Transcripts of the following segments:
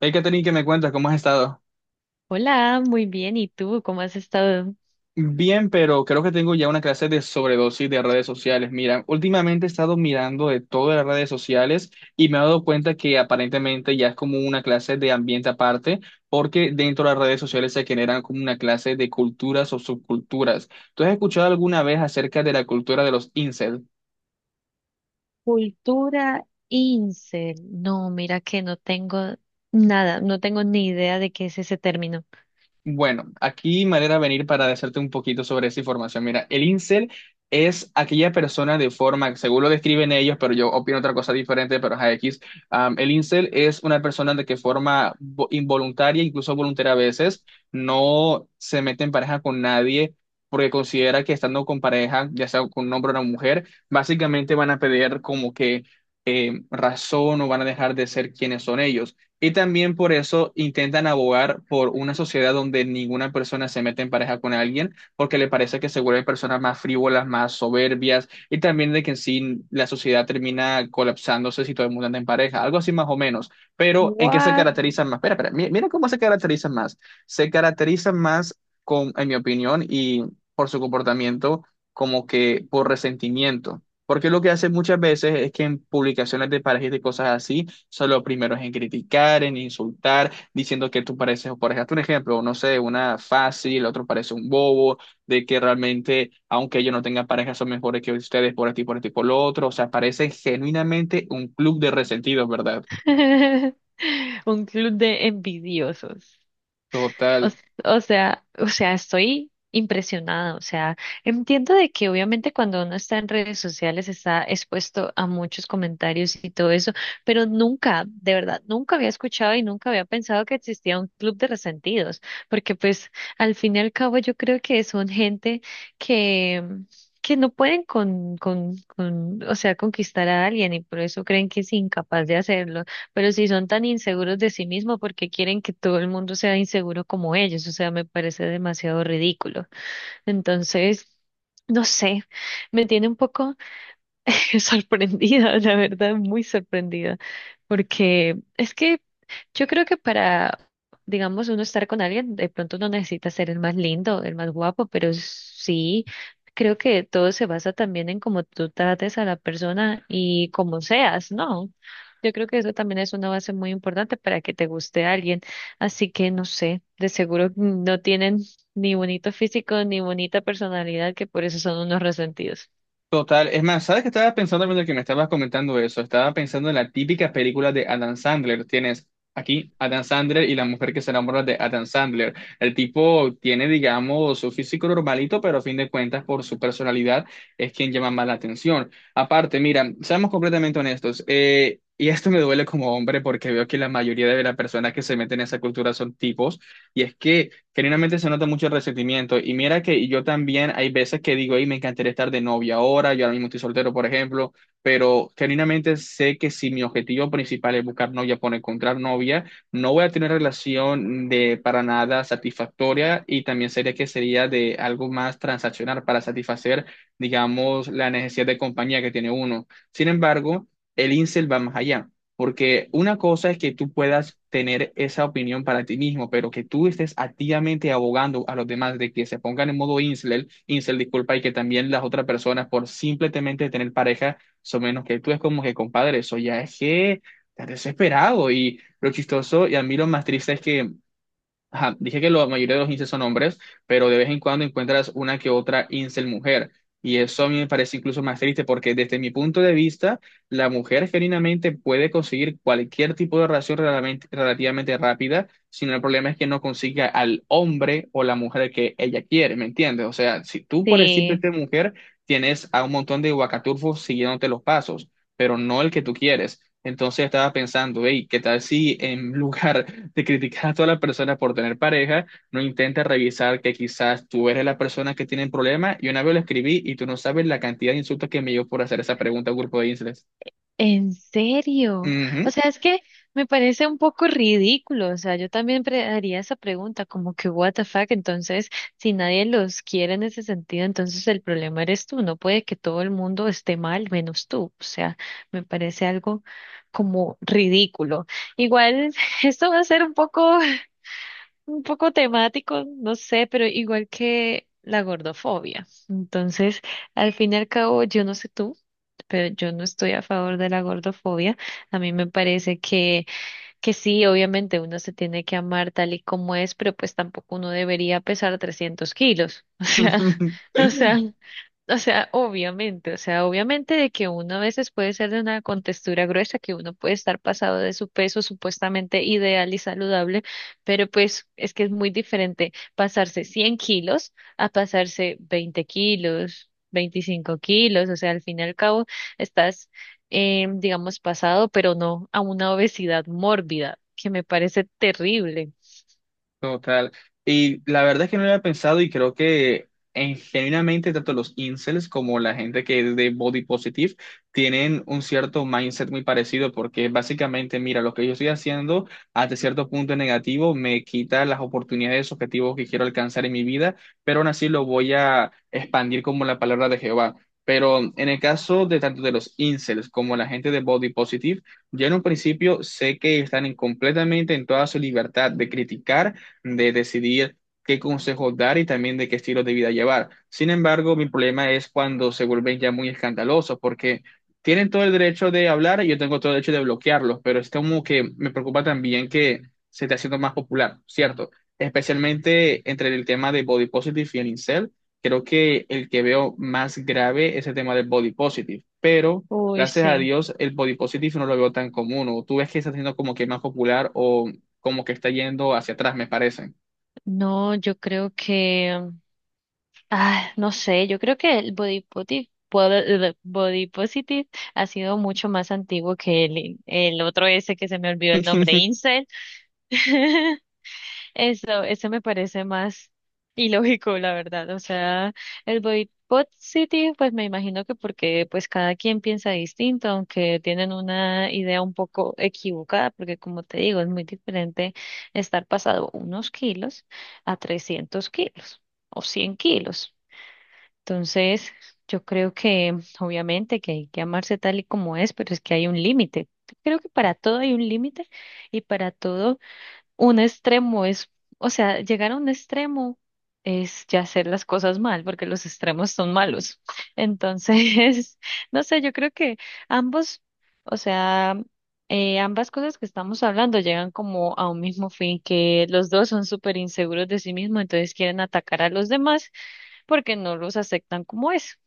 Hey, Katherine, ¿qué me cuentas? ¿Cómo has estado? Hola, muy bien. ¿Y tú cómo has estado? Bien, pero creo que tengo ya una clase de sobredosis de redes sociales. Mira, últimamente he estado mirando de todas las redes sociales y me he dado cuenta que aparentemente ya es como una clase de ambiente aparte, porque dentro de las redes sociales se generan como una clase de culturas o subculturas. ¿Tú has escuchado alguna vez acerca de la cultura de los incels? Cultura incel. No, mira que no tengo nada, no tengo ni idea de qué es ese término. Bueno, aquí manera venir para decirte un poquito sobre esa información. Mira, el incel es aquella persona de forma, según lo describen ellos, pero yo opino otra cosa diferente, pero es X. El incel es una persona de que forma involuntaria, incluso voluntaria a veces, no se mete en pareja con nadie porque considera que estando con pareja, ya sea con un hombre o una mujer, básicamente van a pedir como que razón o van a dejar de ser quienes son ellos. Y también por eso intentan abogar por una sociedad donde ninguna persona se mete en pareja con alguien, porque le parece que se vuelven personas más frívolas, más soberbias, y también de que en sí la sociedad termina colapsándose si todo el mundo anda en pareja, algo así más o menos. Pero ¿en qué se What? caracterizan más? Espera, espera, mira cómo se caracterizan más. Se caracterizan más con, en mi opinión, y por su comportamiento, como que por resentimiento. Porque lo que hacen muchas veces es que en publicaciones de parejas y de cosas así, sea, lo primero es en criticar, en insultar, diciendo que tú pareces, por ejemplo, un ejemplo, no sé, una fácil, el otro parece un bobo, de que realmente, aunque ellos no tengan pareja, son mejores que ustedes por esto y por esto y por lo otro. O sea, parece genuinamente un club de resentidos, ¿verdad? Un club de envidiosos. O, Total. o sea, estoy impresionada. O sea, entiendo de que obviamente cuando uno está en redes sociales está expuesto a muchos comentarios y todo eso, pero nunca, de verdad, nunca había escuchado y nunca había pensado que existía un club de resentidos, porque pues al fin y al cabo yo creo que son gente que que no pueden con, o sea, conquistar a alguien y por eso creen que es incapaz de hacerlo. Pero si son tan inseguros de sí mismos, ¿por qué quieren que todo el mundo sea inseguro como ellos? O sea, me parece demasiado ridículo. Entonces, no sé, me tiene un poco sorprendida, la verdad, muy sorprendida, porque es que yo creo que para, digamos, uno estar con alguien, de pronto no necesita ser el más lindo, el más guapo, pero sí. Creo que todo se basa también en cómo tú trates a la persona y cómo seas, ¿no? Yo creo que eso también es una base muy importante para que te guste a alguien. Así que no sé, de seguro no tienen ni bonito físico ni bonita personalidad, que por eso son unos resentidos. Total, es más, ¿sabes qué estaba pensando mientras que me estabas comentando eso? Estaba pensando en la típica película de Adam Sandler. Tienes aquí Adam Sandler y la mujer que se enamora de Adam Sandler. El tipo tiene, digamos, su físico normalito, pero a fin de cuentas, por su personalidad, es quien llama más la atención. Aparte, mira, seamos completamente honestos, y esto me duele como hombre porque veo que la mayoría de las personas que se meten en esa cultura son tipos. Y es que genuinamente se nota mucho el resentimiento. Y mira que yo también hay veces que digo, hey, me encantaría estar de novia ahora, yo ahora mismo estoy soltero, por ejemplo, pero genuinamente sé que si mi objetivo principal es buscar novia por encontrar novia, no voy a tener relación de para nada satisfactoria y también sería que sería de algo más transaccional para satisfacer, digamos, la necesidad de compañía que tiene uno. Sin embargo, el incel va más allá. Porque una cosa es que tú puedas tener esa opinión para ti mismo, pero que tú estés activamente abogando a los demás de que se pongan en modo incel, incel, disculpa, y que también las otras personas por simplemente tener pareja son menos que tú, es como que, compadre, eso ya es que estás desesperado. Y lo chistoso y a mí lo más triste es que ajá, dije que la mayoría de los incels son hombres, pero de vez en cuando encuentras una que otra incel mujer. Y eso a mí me parece incluso más triste porque desde mi punto de vista, la mujer genuinamente puede conseguir cualquier tipo de relación relativamente rápida, sino el problema es que no consiga al hombre o la mujer que ella quiere, ¿me entiendes? O sea, si tú por Sí. decirte mujer, tienes a un montón de guacaturfos siguiéndote los pasos, pero no el que tú quieres. Entonces estaba pensando, hey, ¿qué tal si en lugar te criticas a toda la persona por tener pareja, no intentes revisar que quizás tú eres la persona que tiene el problema. Y una vez lo escribí y tú no sabes la cantidad de insultos que me dio por hacer esa pregunta a un grupo de islas. ¿En serio? O Ujú. sea, es que me parece un poco ridículo. O sea, yo también haría esa pregunta, como que, what the fuck? Entonces, si nadie los quiere en ese sentido, entonces el problema eres tú. No puede que todo el mundo esté mal, menos tú. O sea, me parece algo como ridículo. Igual, esto va a ser un poco temático, no sé, pero igual que la gordofobia. Entonces, al fin y al cabo, yo no sé tú, pero yo no estoy a favor de la gordofobia. A mí me parece que sí, obviamente uno se tiene que amar tal y como es, pero pues tampoco uno debería pesar 300 kilos. O sea, o sea, o sea, obviamente de que uno a veces puede ser de una contextura gruesa, que uno puede estar pasado de su peso supuestamente ideal y saludable, pero pues es que es muy diferente pasarse 100 kilos a pasarse 20 kilos, 25 kilos, o sea, al fin y al cabo, estás digamos, pasado, pero no a una obesidad mórbida, que me parece terrible. Total. Y la verdad es que no lo había pensado y creo que en, genuinamente tanto los incels como la gente que es de body positive tienen un cierto mindset muy parecido porque básicamente, mira, lo que yo estoy haciendo hasta cierto punto es negativo me quita las oportunidades, objetivos que quiero alcanzar en mi vida, pero aún así lo voy a expandir como la palabra de Jehová. Pero en el caso de tanto de los incels como la gente de body positive, yo en un principio sé que están completamente en toda su libertad de criticar de decidir qué consejos dar y también de qué estilo de vida llevar. Sin embargo, mi problema es cuando se vuelven ya muy escandalosos, porque tienen todo el derecho de hablar y yo tengo todo el derecho de bloquearlos, pero es como que me preocupa también que se esté haciendo más popular, ¿cierto? Especialmente entre el tema de body positive y el incel, creo que el que veo más grave es el tema del body positive, pero Uy, gracias a sí. Dios el body positive no lo veo tan común, o tú ves que está siendo como que más popular o como que está yendo hacia atrás, me parece. No, yo creo que, no sé, yo creo que el body positive ha sido mucho más antiguo que el otro ese que se me olvidó el nombre, incel. Eso me parece más ilógico, la verdad. O sea, el boicot City, pues me imagino que porque pues cada quien piensa distinto, aunque tienen una idea un poco equivocada, porque como te digo, es muy diferente estar pasado unos kilos a 300 kilos o 100 kilos. Entonces, yo creo que obviamente que hay que amarse tal y como es, pero es que hay un límite. Creo que para todo hay un límite y para todo un extremo es, o sea, llegar a un extremo es ya hacer las cosas mal, porque los extremos son malos. Entonces, no sé, yo creo que ambos, o sea, ambas cosas que estamos hablando llegan como a un mismo fin, que los dos son súper inseguros de sí mismos, entonces quieren atacar a los demás porque no los aceptan como es.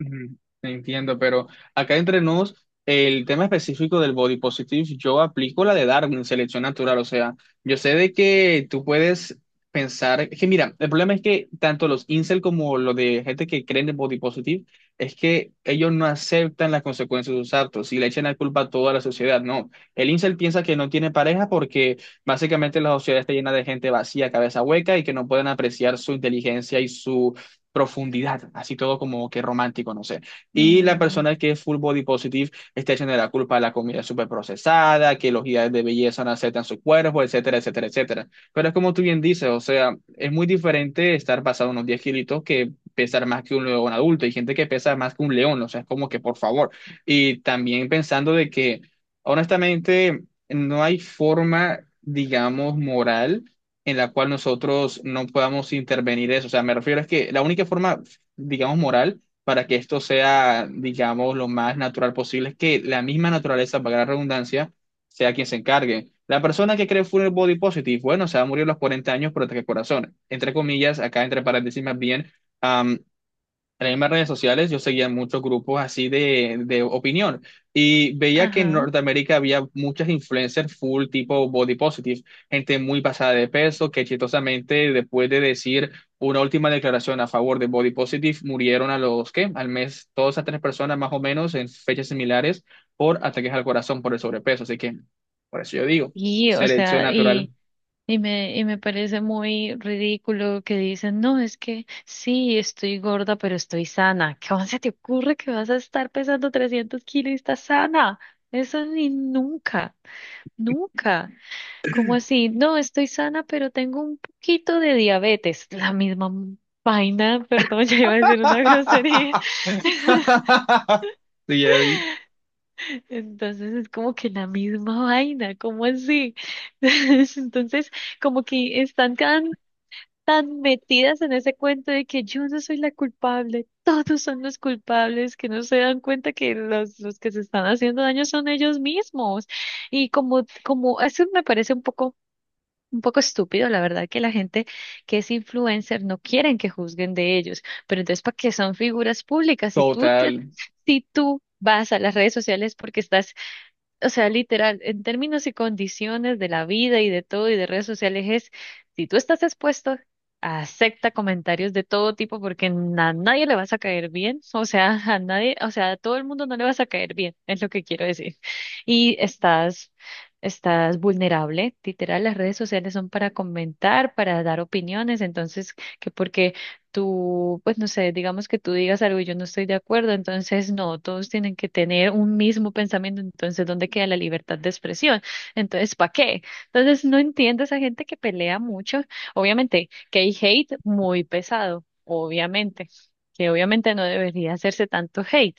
Ujú, entiendo, pero acá entre nos, el tema específico del body positive, yo aplico la de Darwin, selección natural. O sea, yo sé de que tú puedes pensar, es que mira, el problema es que tanto los incel como lo de gente que creen en body positive, es que ellos no aceptan las consecuencias de sus actos y le echan la culpa a toda la sociedad. No, el incel piensa que no tiene pareja porque básicamente la sociedad está llena de gente vacía, cabeza hueca y que no pueden apreciar su inteligencia y su profundidad, así todo como que romántico, no sé. Y la Mm. persona que es full body positive está echando la culpa a la comida súper procesada, que los ideales de belleza no aceptan su cuerpo, etcétera, etcétera, etcétera. Pero es como tú bien dices, o sea, es muy diferente estar pasado unos 10 kilitos que pesar más que un león adulto. Hay gente que pesa más que un león, o sea, es como que por favor. Y también pensando de que, honestamente, no hay forma, digamos, moral en la cual nosotros no podamos intervenir eso. O sea, me refiero a que la única forma, digamos, moral para que esto sea, digamos, lo más natural posible es que la misma naturaleza, para la redundancia, sea quien se encargue. La persona que cree full body positive, bueno, se va a morir a los 40 años, pero ataque al corazón. Entre comillas, acá entre paréntesis más bien, am, en las mismas redes sociales yo seguía muchos grupos así de opinión y veía que en Ajá. Norteamérica había muchas influencers full tipo body positive, gente muy pasada de peso que chistosamente después de decir una última declaración a favor de body positive murieron a los que al mes todas esas tres personas más o menos en fechas similares por ataques al corazón por el sobrepeso, así que por eso yo digo, Y, o selección sea, natural. y y me parece muy ridículo que dicen, no, es que sí, estoy gorda, pero estoy sana. ¿Cómo se te ocurre que vas a estar pesando 300 kilos y estás sana? Eso ni nunca, nunca. ¿Cómo así? No, estoy sana, pero tengo un poquito de diabetes. La misma vaina, perdón, ya iba a decir una grosería. Sí, ya vi. Entonces es como que la misma vaina, ¿cómo así? Entonces como que están tan metidas en ese cuento de que yo no soy la culpable, todos son los culpables, que no se dan cuenta que los que se están haciendo daño son ellos mismos. Eso me parece un poco estúpido, la verdad, que la gente que es influencer no quieren que juzguen de ellos. Pero entonces, ¿para qué son figuras públicas? Total. Si tú vas a las redes sociales porque estás, o sea, literal, en términos y condiciones de la vida y de todo y de redes sociales es, si tú estás expuesto, acepta comentarios de todo tipo porque a nadie le vas a caer bien, o sea, a nadie, o sea, a todo el mundo no le vas a caer bien, es lo que quiero decir. Y estás, estás vulnerable, literal, las redes sociales son para comentar, para dar opiniones, entonces, que porque tú, pues no sé, digamos que tú digas algo y yo no estoy de acuerdo, entonces no, todos tienen que tener un mismo pensamiento, entonces ¿dónde queda la libertad de expresión? Entonces, ¿para qué? Entonces no entiendo a esa gente que pelea mucho, obviamente que hay hate muy pesado, obviamente, que obviamente no debería hacerse tanto hate.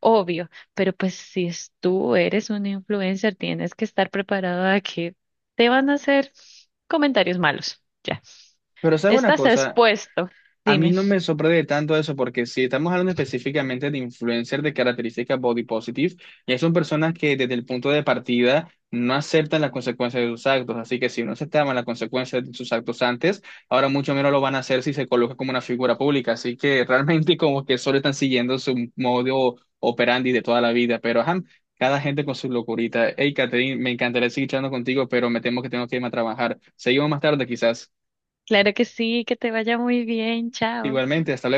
Obvio, pero pues si es tú eres un influencer, tienes que estar preparado a que te van a hacer comentarios malos. Ya, Pero sabes una estás cosa, expuesto. a mí Dime. no me sorprende tanto eso, porque si estamos hablando específicamente de influencers de características body positive, ya son personas que desde el punto de partida no aceptan las consecuencias de sus actos. Así que si no aceptaban las consecuencias de sus actos antes, ahora mucho menos lo van a hacer si se coloca como una figura pública. Así que realmente como que solo están siguiendo su modo operandi de toda la vida. Pero ajá, cada gente con su locurita. Hey, Catherine, me encantaría seguir charlando contigo, pero me temo que tengo que irme a trabajar. Seguimos más tarde quizás. Claro que sí, que te vaya muy bien, chao. Igualmente, hasta luego.